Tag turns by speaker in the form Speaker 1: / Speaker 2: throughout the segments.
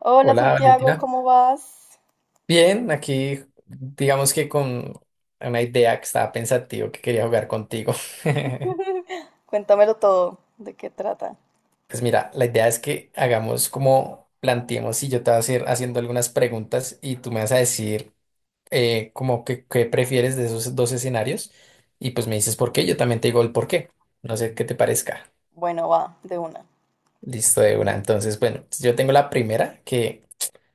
Speaker 1: Hola
Speaker 2: Hola
Speaker 1: Santiago,
Speaker 2: Valentina.
Speaker 1: ¿cómo vas?
Speaker 2: Bien, aquí digamos que con una idea que estaba pensativo que quería jugar contigo.
Speaker 1: Cuéntamelo todo, ¿de qué trata?
Speaker 2: Pues mira, la idea es que hagamos como planteemos y yo te voy a hacer haciendo algunas preguntas y tú me vas a decir como que qué prefieres de esos dos escenarios y pues me dices por qué, yo también te digo el por qué. No sé qué te parezca.
Speaker 1: Bueno, va, de una.
Speaker 2: Listo de una. Entonces, bueno, yo tengo la primera que,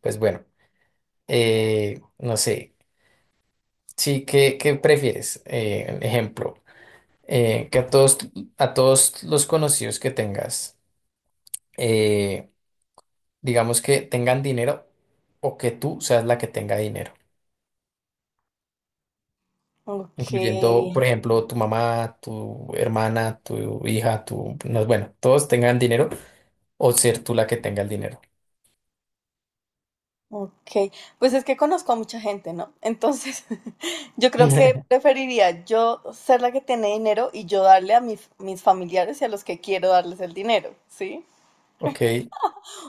Speaker 2: pues bueno, no sé. Sí, ¿qué prefieres? Ejemplo. Que a todos los conocidos que tengas, eh, digamos que tengan dinero o que tú seas la que tenga dinero,
Speaker 1: Ok,
Speaker 2: incluyendo, por ejemplo, tu mamá, tu hermana, tu hija, tu, no, bueno, todos tengan dinero o ser tú la que tenga el dinero.
Speaker 1: ok. Pues es que conozco a mucha gente, ¿no? Entonces, yo creo que preferiría yo ser la que tiene dinero y yo darle a mis familiares y a los que quiero darles el dinero, ¿sí?
Speaker 2: Ok,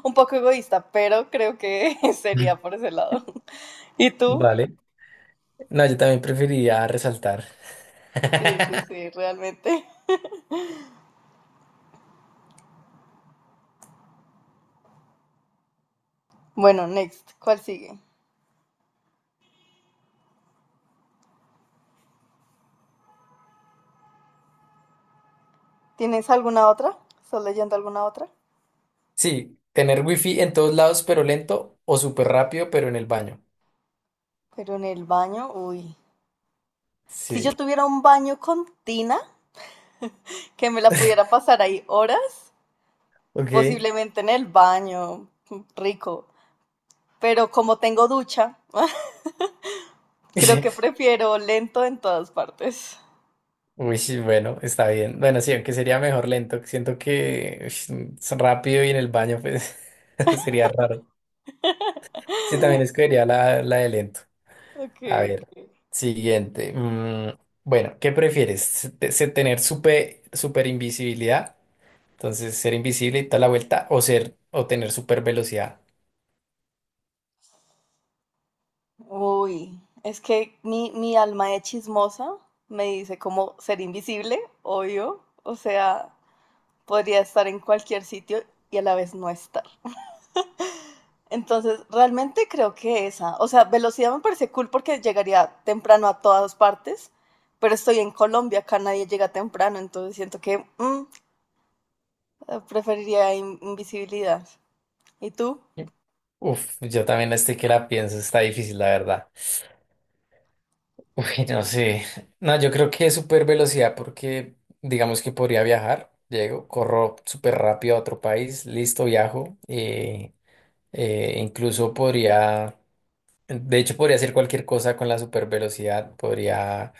Speaker 1: Un poco egoísta, pero creo que sería por ese lado. ¿Y tú?
Speaker 2: vale. No, yo también preferiría resaltar.
Speaker 1: Sí, sí, sí, realmente. Bueno, next, ¿cuál sigue? ¿Tienes alguna otra? ¿Estás leyendo alguna otra?
Speaker 2: Sí, tener wifi en todos lados pero lento o súper rápido pero en el baño.
Speaker 1: Pero en el baño, uy. Si
Speaker 2: Sí.
Speaker 1: yo tuviera un baño con tina, que me la pudiera pasar ahí horas,
Speaker 2: Ok.
Speaker 1: posiblemente en el baño, rico. Pero como tengo ducha, creo que prefiero lento en todas partes.
Speaker 2: Uy, sí, bueno, está bien. Bueno, sí, aunque sería mejor lento. Siento que ush, es rápido y en el baño, pues sería raro. Sí, también escogería la de lento.
Speaker 1: Ok,
Speaker 2: A ver,
Speaker 1: ok.
Speaker 2: siguiente. Mm, bueno, ¿qué prefieres? ¿Tener super, super invisibilidad? Entonces, ser invisible y toda la vuelta, o ser, o tener super velocidad.
Speaker 1: Uy, es que mi alma de chismosa me dice como ser invisible, obvio. O sea, podría estar en cualquier sitio y a la vez no estar. Entonces, realmente creo que esa, o sea, velocidad me parece cool porque llegaría temprano a todas partes, pero estoy en Colombia, acá nadie llega temprano, entonces siento que mm, preferiría invisibilidad. ¿Y tú?
Speaker 2: Uf, yo también estoy que la pienso, está difícil, la verdad. Uy, no sé. No, yo creo que es super velocidad porque digamos que podría viajar. Llego, corro súper rápido a otro país, listo, viajo. Incluso podría, de hecho podría hacer cualquier cosa con la super velocidad. Podría,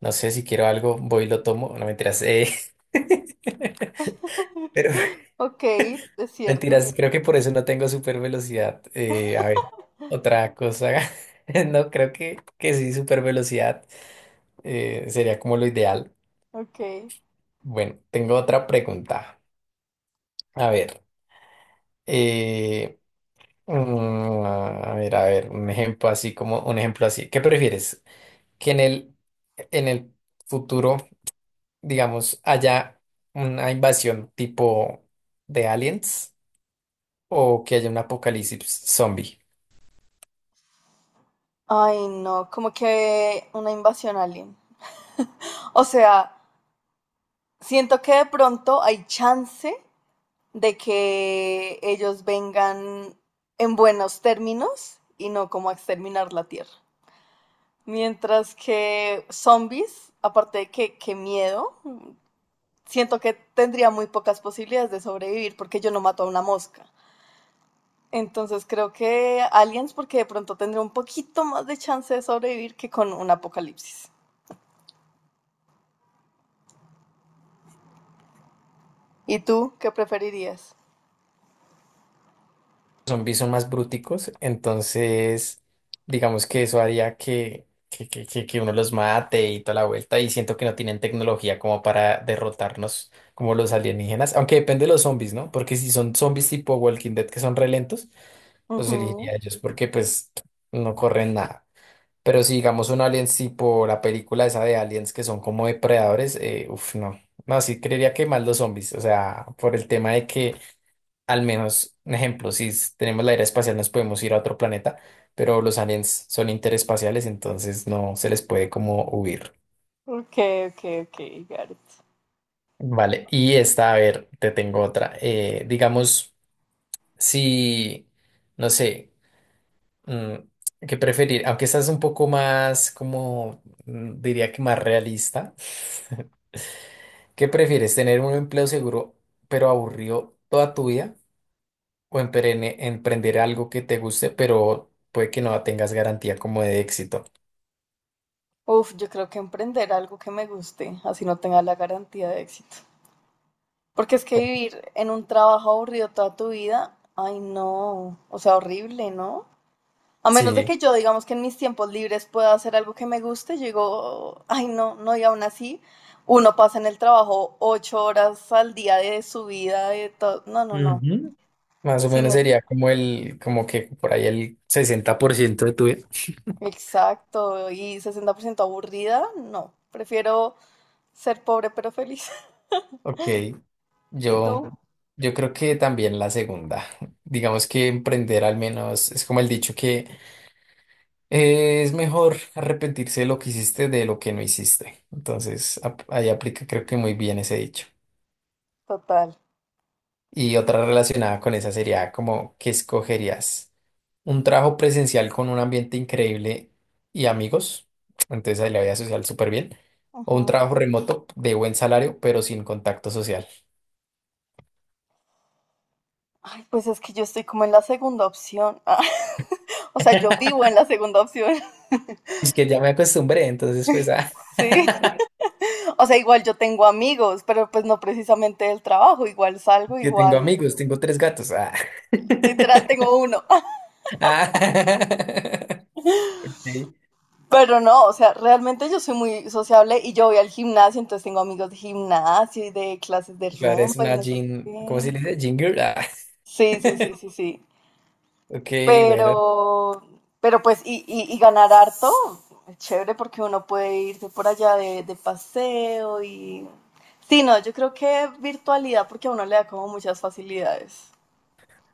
Speaker 2: no sé, si quiero algo, voy y lo tomo. No, mentiras. Pero
Speaker 1: Ok, es cierto.
Speaker 2: mentiras, creo que por eso no tengo super velocidad. A ver, otra cosa. No, creo que sí, super velocidad sería como lo ideal.
Speaker 1: Ok.
Speaker 2: Bueno, tengo otra pregunta. A ver, eh, a ver, a ver, un ejemplo así como un ejemplo así. ¿Qué prefieres? Que en el futuro, digamos, haya una invasión tipo de aliens o que haya un apocalipsis zombie.
Speaker 1: Ay, no, como que una invasión alien. O sea, siento que de pronto hay chance de que ellos vengan en buenos términos y no como a exterminar la Tierra. Mientras que zombies, aparte de que qué miedo, siento que tendría muy pocas posibilidades de sobrevivir porque yo no mato a una mosca. Entonces creo que aliens porque de pronto tendría un poquito más de chance de sobrevivir que con un apocalipsis. ¿Y tú qué preferirías?
Speaker 2: Zombies son más brúticos, entonces digamos que eso haría que uno los mate y toda la vuelta, y siento que no tienen tecnología como para derrotarnos como los alienígenas, aunque depende de los zombies, ¿no? Porque si son zombies tipo Walking Dead que son re lentos, los elegiría
Speaker 1: Ujú.
Speaker 2: a ellos porque pues no corren nada. Pero si digamos un aliens tipo la película esa de aliens que son como depredadores, uff, no. No, sí creería que más los zombies, o sea, por el tema de que al menos, un ejemplo, si s- tenemos la era espacial nos podemos ir a otro planeta, pero los aliens son interespaciales, entonces no se les puede como huir.
Speaker 1: Ok, ok, ok, got it.
Speaker 2: Vale, y esta, a ver, te tengo otra. Digamos, si, no sé, mm, qué preferir, aunque esta es un poco más, como, diría que más realista, ¿qué prefieres? ¿Tener un empleo seguro pero aburrido toda tu vida, o emprender algo que te guste, pero puede que no tengas garantía como de éxito?
Speaker 1: Uf, yo creo que emprender algo que me guste, así no tenga la garantía de éxito. Porque es que vivir en un trabajo aburrido toda tu vida, ay no, o sea, horrible, ¿no? A menos de
Speaker 2: Sí,
Speaker 1: que yo, digamos que en mis tiempos libres pueda hacer algo que me guste, yo digo, ay, no, no, y aún así, uno pasa en el trabajo 8 horas al día de su vida, de todo. No, no, no.
Speaker 2: ujú, más o menos
Speaker 1: Sino,
Speaker 2: sería como el, como que por ahí el 60% de tu vida.
Speaker 1: exacto, y 60% aburrida, no. Prefiero ser pobre pero feliz.
Speaker 2: Ok,
Speaker 1: ¿Y
Speaker 2: yo,
Speaker 1: tú?
Speaker 2: yo creo que también la segunda. Digamos que emprender al menos es como el dicho que es mejor arrepentirse de lo que hiciste de lo que no hiciste. Entonces, ahí aplica creo que muy bien ese dicho.
Speaker 1: Total.
Speaker 2: Y otra relacionada con esa sería como, ¿qué escogerías? ¿Un trabajo presencial con un ambiente increíble y amigos? Entonces ahí la vida social súper bien. ¿O un
Speaker 1: Ujú.
Speaker 2: trabajo remoto de buen salario pero sin contacto social?
Speaker 1: Ay, pues es que yo estoy como en la segunda opción. Ah, o sea, yo vivo en la segunda opción.
Speaker 2: Es que ya me acostumbré, entonces pues, ah,
Speaker 1: Sí. O sea, igual yo tengo amigos, pero pues no precisamente del trabajo, igual salgo,
Speaker 2: yo tengo
Speaker 1: igual
Speaker 2: amigos, tengo tres gatos. Ah.
Speaker 1: literal tengo uno.
Speaker 2: Ah. Ok.
Speaker 1: Pero no, o sea, realmente yo soy muy sociable y yo voy al gimnasio, entonces tengo amigos de gimnasio y de clases de
Speaker 2: Claro,
Speaker 1: rumba
Speaker 2: es
Speaker 1: y
Speaker 2: una
Speaker 1: no sé
Speaker 2: jean, ¿cómo
Speaker 1: qué.
Speaker 2: se le dice? Jean girl. Ah.
Speaker 1: Sí, sí, sí, sí, sí.
Speaker 2: Ok, bueno,
Speaker 1: Pero, pero pues, y ganar harto, es chévere porque uno puede irse por allá de paseo y... Sí, no, yo creo que virtualidad porque a uno le da como muchas facilidades.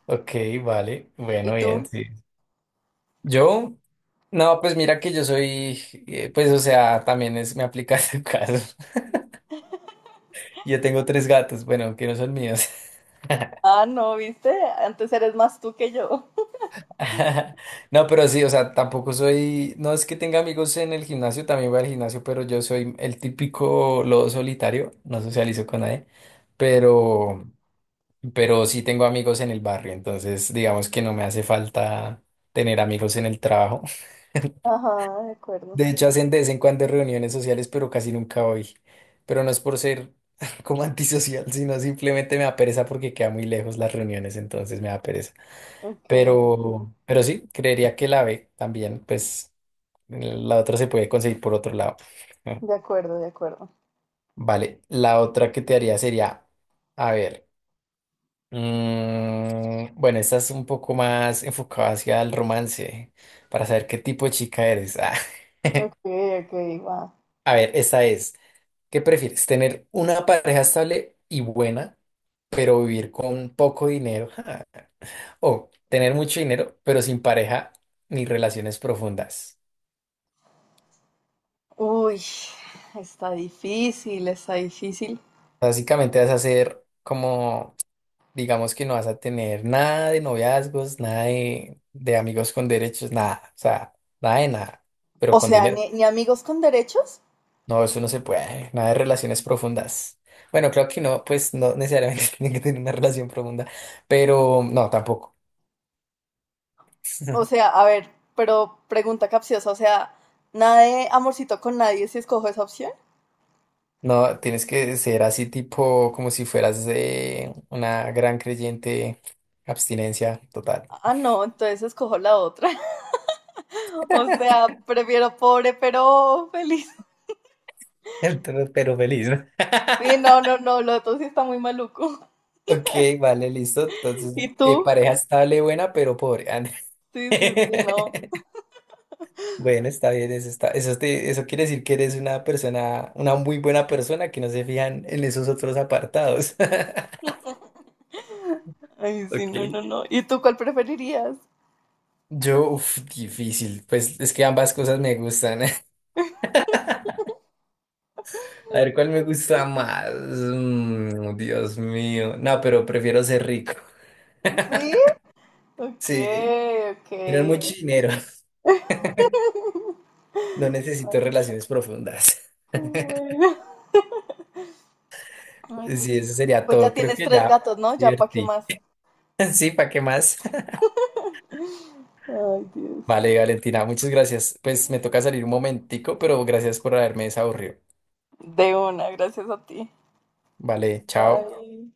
Speaker 2: ok, vale,
Speaker 1: ¿Y
Speaker 2: bueno, bien,
Speaker 1: tú?
Speaker 2: sí. Yo, no, pues mira que yo soy, pues o sea, también es, me aplica tu caso. Yo tengo tres gatos, bueno, que no son míos.
Speaker 1: Ah, no, ¿viste? Antes eres más tú que yo.
Speaker 2: No, pero sí, o sea, tampoco soy, no es que tenga amigos en el gimnasio, también voy al gimnasio, pero yo soy el típico lobo solitario, no socializo con nadie, pero, pero sí tengo amigos en el barrio, entonces digamos que no me hace falta tener amigos en el trabajo.
Speaker 1: Ajá, de acuerdo.
Speaker 2: De hecho, hacen de vez en cuando reuniones sociales, pero casi nunca voy. Pero no es por ser como antisocial, sino simplemente me da pereza porque queda muy lejos las reuniones, entonces me da pereza.
Speaker 1: Ok,
Speaker 2: Pero sí, creería que la B también, pues la otra se puede conseguir por otro lado.
Speaker 1: de acuerdo, de acuerdo.
Speaker 2: Vale, la otra que te haría sería, a ver, bueno, esta es un poco más enfocada hacia el romance, para saber qué tipo de chica eres. Ah,
Speaker 1: Ok, ok, va.
Speaker 2: a ver, esta es. ¿Qué prefieres? ¿Tener una pareja estable y buena, pero vivir con poco dinero? Ja. ¿O tener mucho dinero, pero sin pareja ni relaciones profundas?
Speaker 1: Uy, está difícil, está difícil.
Speaker 2: Básicamente vas a ser como, digamos que no vas a tener nada de noviazgos, nada de amigos con derechos, nada. O sea, nada de nada, pero
Speaker 1: O
Speaker 2: con
Speaker 1: sea,
Speaker 2: dinero.
Speaker 1: ni, ni amigos con derechos.
Speaker 2: No, eso no se puede. Nada de relaciones profundas. Bueno, creo que no, pues no necesariamente tiene que tener una relación profunda, pero no, tampoco.
Speaker 1: O sea, a ver, pero pregunta capciosa, o sea, nada de amorcito con nadie si escojo esa opción.
Speaker 2: No, tienes que ser así tipo como si fueras una gran creyente, abstinencia total.
Speaker 1: Ah, no, entonces escojo la otra. O sea, prefiero pobre pero feliz.
Speaker 2: Pero feliz, ¿no?
Speaker 1: Sí, no, no, no, lo otro sí está muy maluco.
Speaker 2: Ok, vale, listo. Entonces,
Speaker 1: ¿Y tú?
Speaker 2: pareja estable, buena, pero pobre. Ah, no.
Speaker 1: Sí, sí, sí, no.
Speaker 2: Bueno, está bien, eso está, eso eso quiere decir que eres una persona, una muy buena persona que no se fijan en esos otros apartados.
Speaker 1: Ay, sí, no,
Speaker 2: Ok.
Speaker 1: no, no. ¿Y tú cuál preferirías?
Speaker 2: Yo, uff, difícil. Pues es que ambas cosas me gustan. A ver, ¿cuál me gusta más? Mm, Dios mío. No, pero prefiero ser rico.
Speaker 1: ¿Sí? Ok,
Speaker 2: Sí, tener
Speaker 1: ok.
Speaker 2: mucho dinero. No necesito
Speaker 1: Ay,
Speaker 2: relaciones profundas.
Speaker 1: qué bueno. Ay, qué
Speaker 2: Sí, eso
Speaker 1: chistoso.
Speaker 2: sería
Speaker 1: Pues ya
Speaker 2: todo. Creo
Speaker 1: tienes
Speaker 2: que
Speaker 1: tres
Speaker 2: ya
Speaker 1: gatos, ¿no? Ya, ¿para qué
Speaker 2: divertí.
Speaker 1: más?
Speaker 2: Sí, ¿para qué más?
Speaker 1: Ay, Dios.
Speaker 2: Vale, Valentina, muchas gracias. Pues me toca salir un momentico, pero gracias por haberme desaburrido.
Speaker 1: De una, gracias a ti.
Speaker 2: Vale, chao.
Speaker 1: Bye.